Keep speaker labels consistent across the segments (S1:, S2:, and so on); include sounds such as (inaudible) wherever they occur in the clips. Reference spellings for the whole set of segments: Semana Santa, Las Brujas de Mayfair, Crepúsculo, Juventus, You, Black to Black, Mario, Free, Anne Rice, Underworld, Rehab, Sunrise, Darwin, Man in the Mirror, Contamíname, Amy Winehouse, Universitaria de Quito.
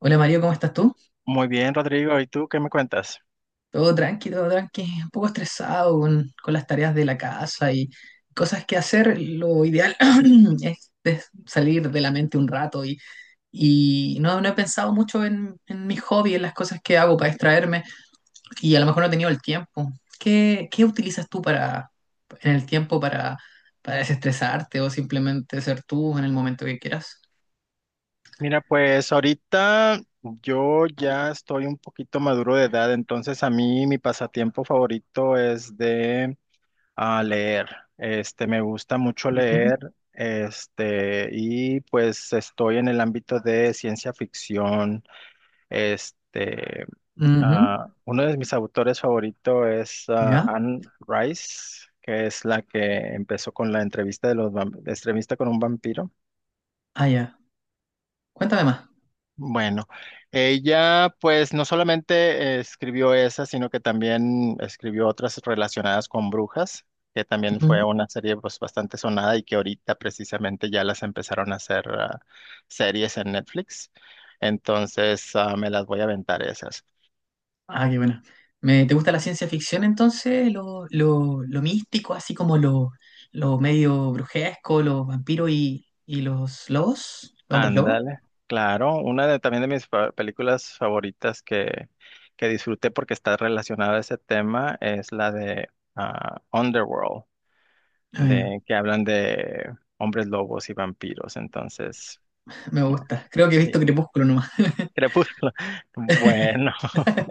S1: Hola Mario, ¿cómo estás tú?
S2: Muy bien, Rodrigo. ¿Y tú qué me cuentas?
S1: Todo tranqui, un poco estresado con las tareas de la casa y cosas que hacer. Lo ideal (clears throat) es salir de la mente un rato y no he pensado mucho en mi hobby, en las cosas que hago para distraerme y a lo mejor no he tenido el tiempo. ¿Qué utilizas tú para, en el tiempo para desestresarte o simplemente ser tú en el momento que quieras?
S2: Mira, pues ahorita yo ya estoy un poquito maduro de edad, entonces a mí mi pasatiempo favorito es de leer. Me gusta mucho
S1: Ujú,
S2: leer. Y pues estoy en el ámbito de ciencia ficción. Este,
S1: ujú.
S2: Uno de mis autores favoritos es
S1: ¿Ya?
S2: Anne Rice, que es la que empezó con la entrevista de los vamp- entrevista con un vampiro.
S1: Ah, ya. Cuéntame
S2: Bueno, ella pues no solamente escribió esa, sino que también escribió otras relacionadas con brujas, que también fue
S1: más.
S2: una serie pues bastante sonada y que ahorita precisamente ya las empezaron a hacer series en Netflix. Entonces me las voy a aventar esas.
S1: Ah, qué bueno. ¿Te gusta la ciencia ficción entonces? Lo místico, así como lo medio brujesco, los vampiros y los lobos, los hombres lobos.
S2: Ándale, claro, una de también de mis películas favoritas que disfruté porque está relacionada a ese tema es la de Underworld,
S1: Ah, ya.
S2: de que hablan de hombres lobos y vampiros. Entonces,
S1: Me gusta. Creo que he visto
S2: sí,
S1: Crepúsculo nomás. (laughs)
S2: Crepúsculo. (laughs) Bueno, (laughs)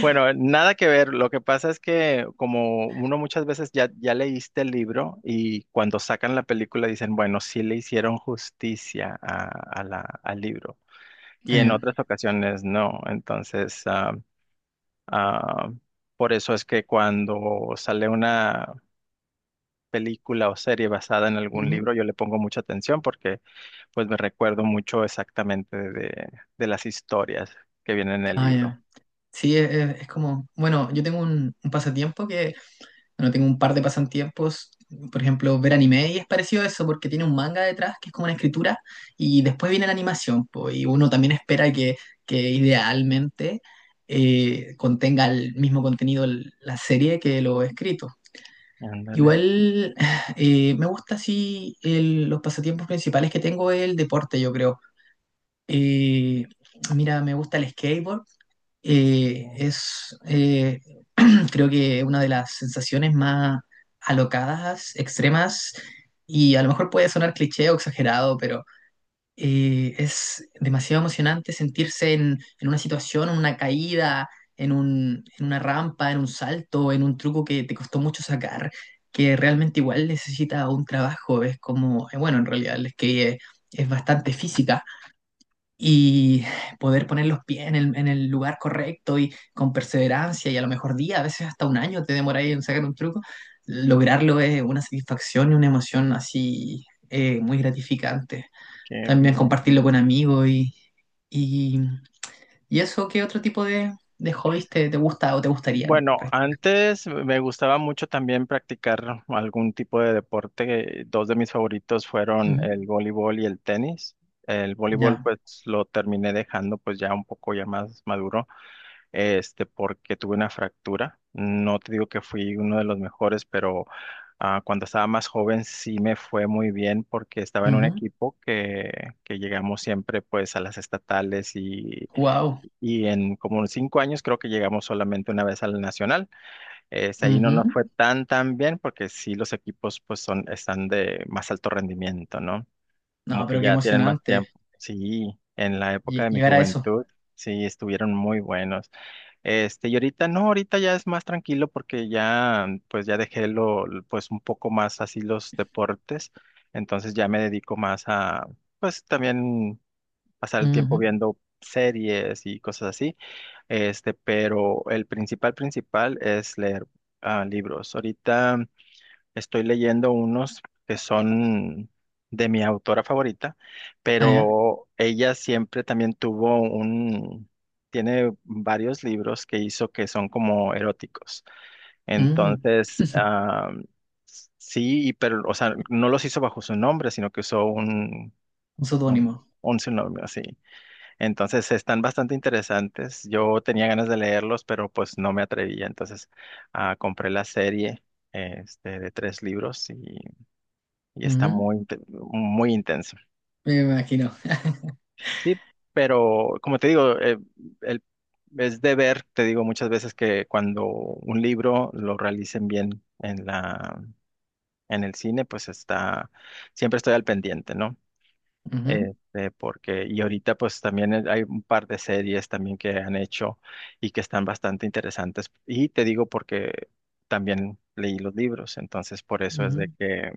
S2: bueno, nada que ver. Lo que pasa es que como uno muchas veces ya, ya leíste el libro, y cuando sacan la película dicen, bueno, sí le hicieron justicia al libro. Y
S1: Ah,
S2: en
S1: ya.
S2: otras ocasiones no. Entonces, ah, por eso es que cuando sale una película o serie basada en algún
S1: Ujú.
S2: libro, yo le pongo mucha atención, porque pues me recuerdo mucho exactamente de, las historias que vienen en el
S1: Ah,
S2: libro.
S1: ya. Sí, es como, bueno, yo tengo un pasatiempo que bueno, tengo un par de pasatiempos. Por ejemplo, ver anime y es parecido a eso porque tiene un manga detrás que es como una escritura y después viene la animación. Po, y uno también espera que idealmente contenga el mismo contenido la serie que lo escrito.
S2: Ándale.
S1: Igual (sighs) Me gusta así los pasatiempos principales que tengo es el deporte, yo creo. Eh, mira, me gusta el skateboard, eh,
S2: Mm.
S1: es, eh, (clears throat) creo que una de las sensaciones más alocadas, extremas, y a lo mejor puede sonar cliché o exagerado, pero es demasiado emocionante sentirse en una situación, en una caída, en una rampa, en un salto, en un truco que te costó mucho sacar, que realmente igual necesita un trabajo. Es como, bueno, en realidad el skate es bastante física y poder poner los pies en el lugar correcto y con perseverancia y a lo mejor a veces hasta un año te demoráis en sacar un truco, lograrlo es una satisfacción y una emoción así, muy gratificante.
S2: Qué
S1: También
S2: bien.
S1: compartirlo con amigos y, y, y eso. ¿Qué otro tipo de hobbies te gusta o te gustarían
S2: Bueno,
S1: practicar?
S2: antes me gustaba mucho también practicar algún tipo de deporte. Dos de mis favoritos fueron
S1: Ujú.
S2: el voleibol y el tenis. El voleibol
S1: Ya.
S2: pues lo terminé dejando pues ya un poco ya más maduro, porque tuve una fractura. No te digo que fui uno de los mejores, pero cuando estaba más joven sí me fue muy bien, porque estaba en un equipo que llegamos siempre pues a las estatales,
S1: Wow.
S2: y en como unos 5 años creo que llegamos solamente una vez al nacional. Es, ahí no nos fue tan tan bien porque sí los equipos pues son, están de más alto rendimiento, ¿no? Como
S1: No,
S2: que
S1: pero qué
S2: ya tienen más
S1: emocionante
S2: tiempo. Sí, en la época de mi
S1: llegar a eso.
S2: juventud sí estuvieron muy buenos. Y ahorita no, ahorita ya es más tranquilo porque ya, pues ya dejé pues un poco más así los deportes, entonces ya me dedico más a, pues también, pasar el tiempo
S1: Ujú.
S2: viendo series y cosas así. Pero el principal, principal es leer libros. Ahorita estoy leyendo unos que son de mi autora favorita,
S1: Ah, ya.
S2: pero ella siempre también tiene varios libros que hizo que son como eróticos.
S1: Mm.
S2: Entonces,
S1: (laughs)
S2: sí. Y pero, o sea, no los hizo bajo su nombre, sino que usó
S1: Un pseudónimo.
S2: un, seudónimo así. Entonces, están bastante interesantes. Yo tenía ganas de leerlos, pero pues no me atrevía. Entonces, compré la serie, de tres libros, y está
S1: Ujú.
S2: muy, muy intenso.
S1: Me imagino. (laughs)
S2: Sí, pero como te digo, el- es de ver. Te digo muchas veces que cuando un libro lo realicen bien en en el cine, pues siempre estoy al pendiente, ¿no?
S1: Ujú,
S2: Y ahorita pues también hay un par de series también que han hecho y que están bastante interesantes. Y te digo porque también leí los libros, entonces por eso es de
S1: ujú.
S2: que,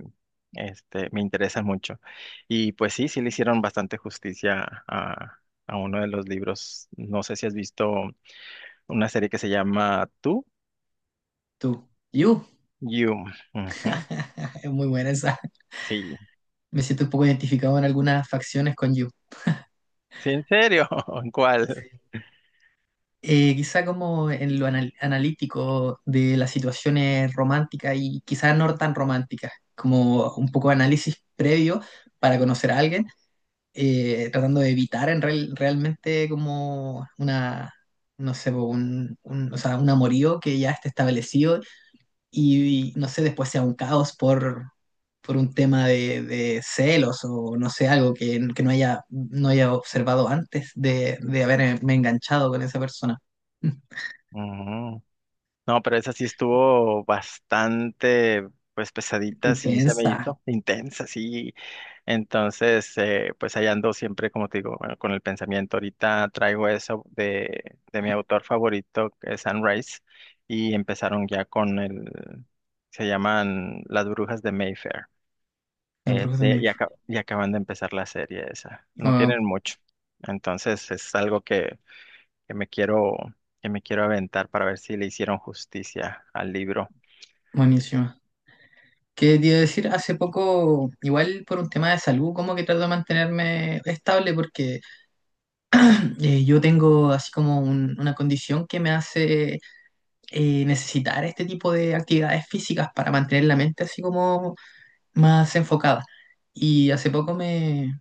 S2: me interesa mucho. Y pues sí, sí le hicieron bastante justicia a, uno de los libros. No sé si has visto una serie que se llama Tú,
S1: Tú. You.
S2: You. Ujú.
S1: (laughs) Es muy buena esa.
S2: Sí,
S1: Me siento un poco identificado en algunas facciones con you.
S2: sí, en serio, (laughs) ¿cuál?
S1: Sí. Quizá como en lo analítico de las situaciones románticas y quizás no tan románticas, como un poco de análisis previo para conocer a alguien, tratando de evitar realmente como una, no sé, po, o sea, un amorío que ya esté establecido y, no sé, después sea un caos por, un tema de celos o no sé, algo que, no haya observado antes de haberme enganchado con esa persona. (laughs)
S2: Ujú. No, pero esa sí estuvo bastante, pues pesadita, sí se me
S1: Intensa.
S2: hizo, intensa, sí. Entonces, pues ahí ando siempre, como te digo, bueno, con el pensamiento. Ahorita traigo eso de mi autor favorito, que es Sunrise, y empezaron ya con se llaman Las Brujas de Mayfair.
S1: La bruja de.
S2: Y acaban de empezar la serie esa. No
S1: Wow,
S2: tienen mucho. Entonces, es algo que me quiero aventar para ver si le hicieron justicia al libro.
S1: buenísima. ¿Qué te iba a decir? Hace poco, igual por un tema de salud, como que trato de mantenerme estable porque yo tengo así como una condición que me hace necesitar este tipo de actividades físicas para mantener la mente así como más enfocada. Y hace poco me,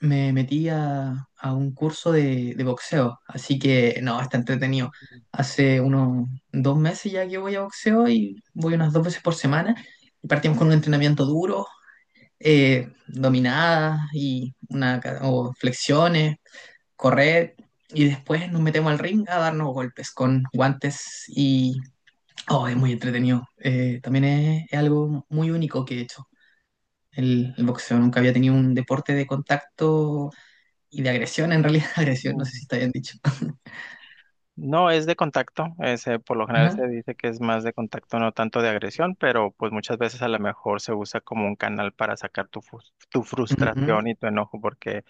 S1: me metí a un curso de boxeo, así que no, está entretenido. Hace unos 2 meses ya que voy a boxeo y voy unas dos veces por semana. Y partimos con un entrenamiento duro, dominadas y o flexiones, correr. Y después nos metemos al ring a darnos golpes con guantes y... Oh, es muy entretenido. También es algo muy único que he hecho el boxeo. Nunca había tenido un deporte de contacto y de agresión, en realidad, (laughs) agresión, no sé
S2: Mm.
S1: si está bien dicho. (laughs)
S2: No es de contacto, es, por lo general
S1: Ajá.
S2: se dice que es más de contacto, no tanto de agresión, pero pues muchas veces a lo mejor se usa como un canal para sacar tu
S1: Ujú.
S2: frustración y tu enojo, porque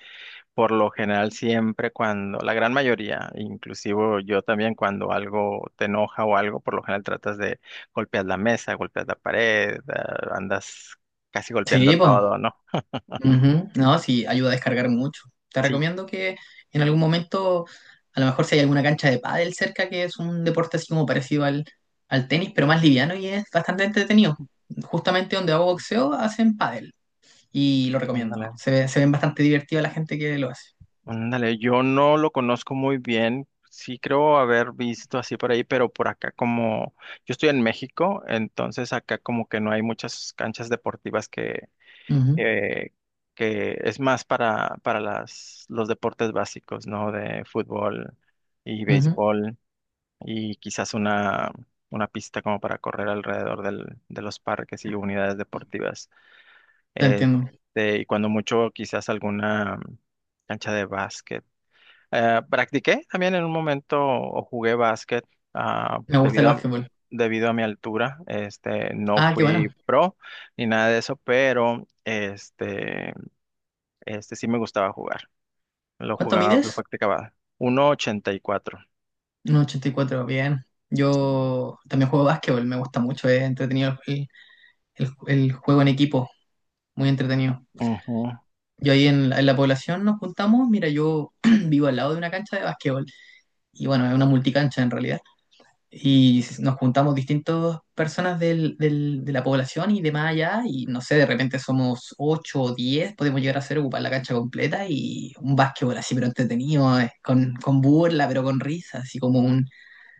S2: por lo general siempre cuando, la gran mayoría, inclusive yo también, cuando algo te enoja o algo, por lo general tratas de golpear la mesa, golpear la pared, andas casi golpeando
S1: Sí, pues.
S2: todo, ¿no?
S1: No, sí, ayuda a descargar mucho. Te
S2: Sí,
S1: recomiendo que en algún momento, a lo mejor si hay alguna cancha de pádel cerca, que es un deporte así como parecido al tenis, pero más liviano y es bastante entretenido. Justamente donde hago boxeo hacen pádel y lo recomiendo.
S2: ándale.
S1: Se ven bastante divertidos la gente que lo hace.
S2: Ándale, yo no lo conozco muy bien. Sí creo haber visto así por ahí, pero por acá, como yo estoy en México, entonces acá como que no hay muchas canchas deportivas
S1: Ujú,
S2: eh, que es más para, los deportes básicos, ¿no? De fútbol y
S1: ujú.
S2: béisbol, y quizás una pista como para correr alrededor de los parques y unidades deportivas.
S1: Te
S2: Eh,
S1: entiendo.
S2: y cuando mucho quizás alguna cancha de básquet. Practiqué también en un momento, o jugué básquet ah,
S1: Me gusta el
S2: debido a,
S1: básquetbol.
S2: debido a, mi altura. Este, no
S1: Ah, qué bueno.
S2: fui pro ni nada de eso, pero este sí me gustaba jugar. Lo
S1: ¿Cuánto
S2: jugaba, lo
S1: mides?
S2: practicaba. 1.84.
S1: 1,84, bien. Yo también juego básquetbol, me gusta mucho, es entretenido el, el juego en equipo, muy entretenido.
S2: Ujú.
S1: Yo ahí en la, población nos juntamos, mira, yo (clears throat) vivo al lado de una cancha de básquetbol, y bueno, es una multicancha en realidad, y nos juntamos distintas personas de la población y de más allá, y no sé, de repente somos 8 o 10, podemos llegar a hacer ocupar la cancha completa y un básquetbol así, pero entretenido, con, burla, pero con risa, así como un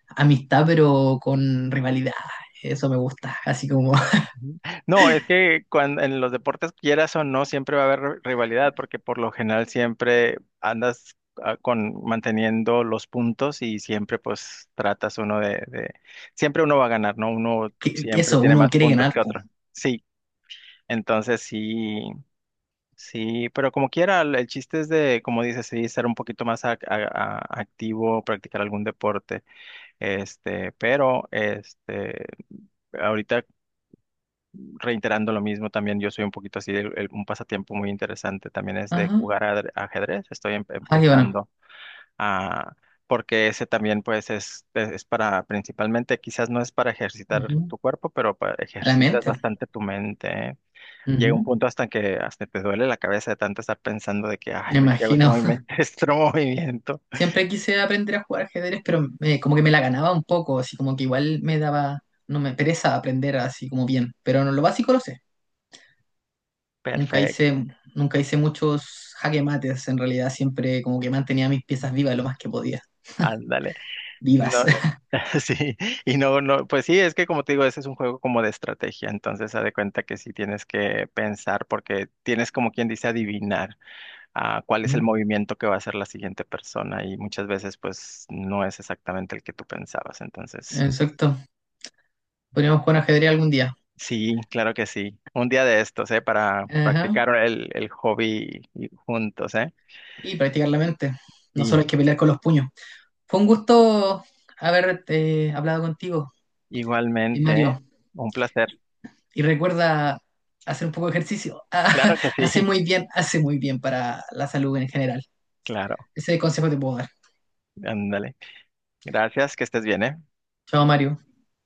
S1: amistad, pero con rivalidad. Eso me gusta. Así como (laughs)
S2: Ujú. No, es que cuando, en los deportes, quieras o no, siempre va a haber rivalidad, porque por lo general siempre andas con manteniendo los puntos, y siempre pues tratas uno de, siempre uno va a ganar, ¿no? Uno
S1: que
S2: siempre
S1: eso,
S2: tiene
S1: uno
S2: más
S1: quiere
S2: puntos
S1: ganar.
S2: que
S1: Po.
S2: otro. Sí, entonces sí, sí, pero como quiera, el chiste es de, como dices, sí, ser un poquito más activo, practicar algún deporte, este, pero este. Ahorita, reiterando lo mismo, también yo soy un poquito así, un pasatiempo muy interesante también es de
S1: Ajá.
S2: jugar ajedrez. Estoy
S1: Ah, qué bueno.
S2: empezando a, porque ese también pues es, para, principalmente, quizás no es para ejercitar
S1: Ujú.
S2: tu cuerpo, pero
S1: A la
S2: ejercitas
S1: mente.
S2: bastante tu mente, ¿eh? Llega un
S1: Ujú.
S2: punto hasta que hasta te duele la cabeza de tanto estar pensando de que, ay,
S1: Me
S2: güey, si hago este
S1: imagino. (laughs)
S2: movimiento, (laughs) este otro movimiento,
S1: Siempre quise aprender a jugar ajedrez, pero como que me la ganaba un poco, así como que igual me daba, no me pereza aprender así como bien, pero no, lo básico lo sé. Nunca
S2: perfecto,
S1: hice, nunca hice muchos jaque mates, en realidad siempre como que mantenía mis piezas vivas lo más que podía.
S2: ándale. No,
S1: Vivas. (laughs)
S2: (laughs) sí. Y no, no, pues sí, es que como te digo, ese es un juego como de estrategia, entonces haz de cuenta que sí tienes que pensar, porque tienes, como quien dice, adivinar cuál es el
S1: Ujú.
S2: movimiento que va a hacer la siguiente persona, y muchas veces pues no es exactamente el que tú pensabas. Entonces
S1: Exacto. Podríamos jugar ajedrez algún día.
S2: sí, claro que sí, un día de estos, ¿eh? Para
S1: Ajá.
S2: practicar el hobby juntos, ¿eh?
S1: Y practicar la mente. No solo
S2: Sí,
S1: hay que pelear con los puños. Fue un gusto haber hablado contigo,
S2: igualmente, ¿eh?
S1: Mario.
S2: Un placer,
S1: Y recuerda hacer un poco de ejercicio.
S2: claro
S1: (laughs)
S2: que sí,
S1: Hace
S2: (laughs)
S1: muy bien, hace muy bien para la salud en general.
S2: claro,
S1: Ese consejo te puedo dar.
S2: ándale, gracias, que estés bien, ¿eh?
S1: Chao, Mario.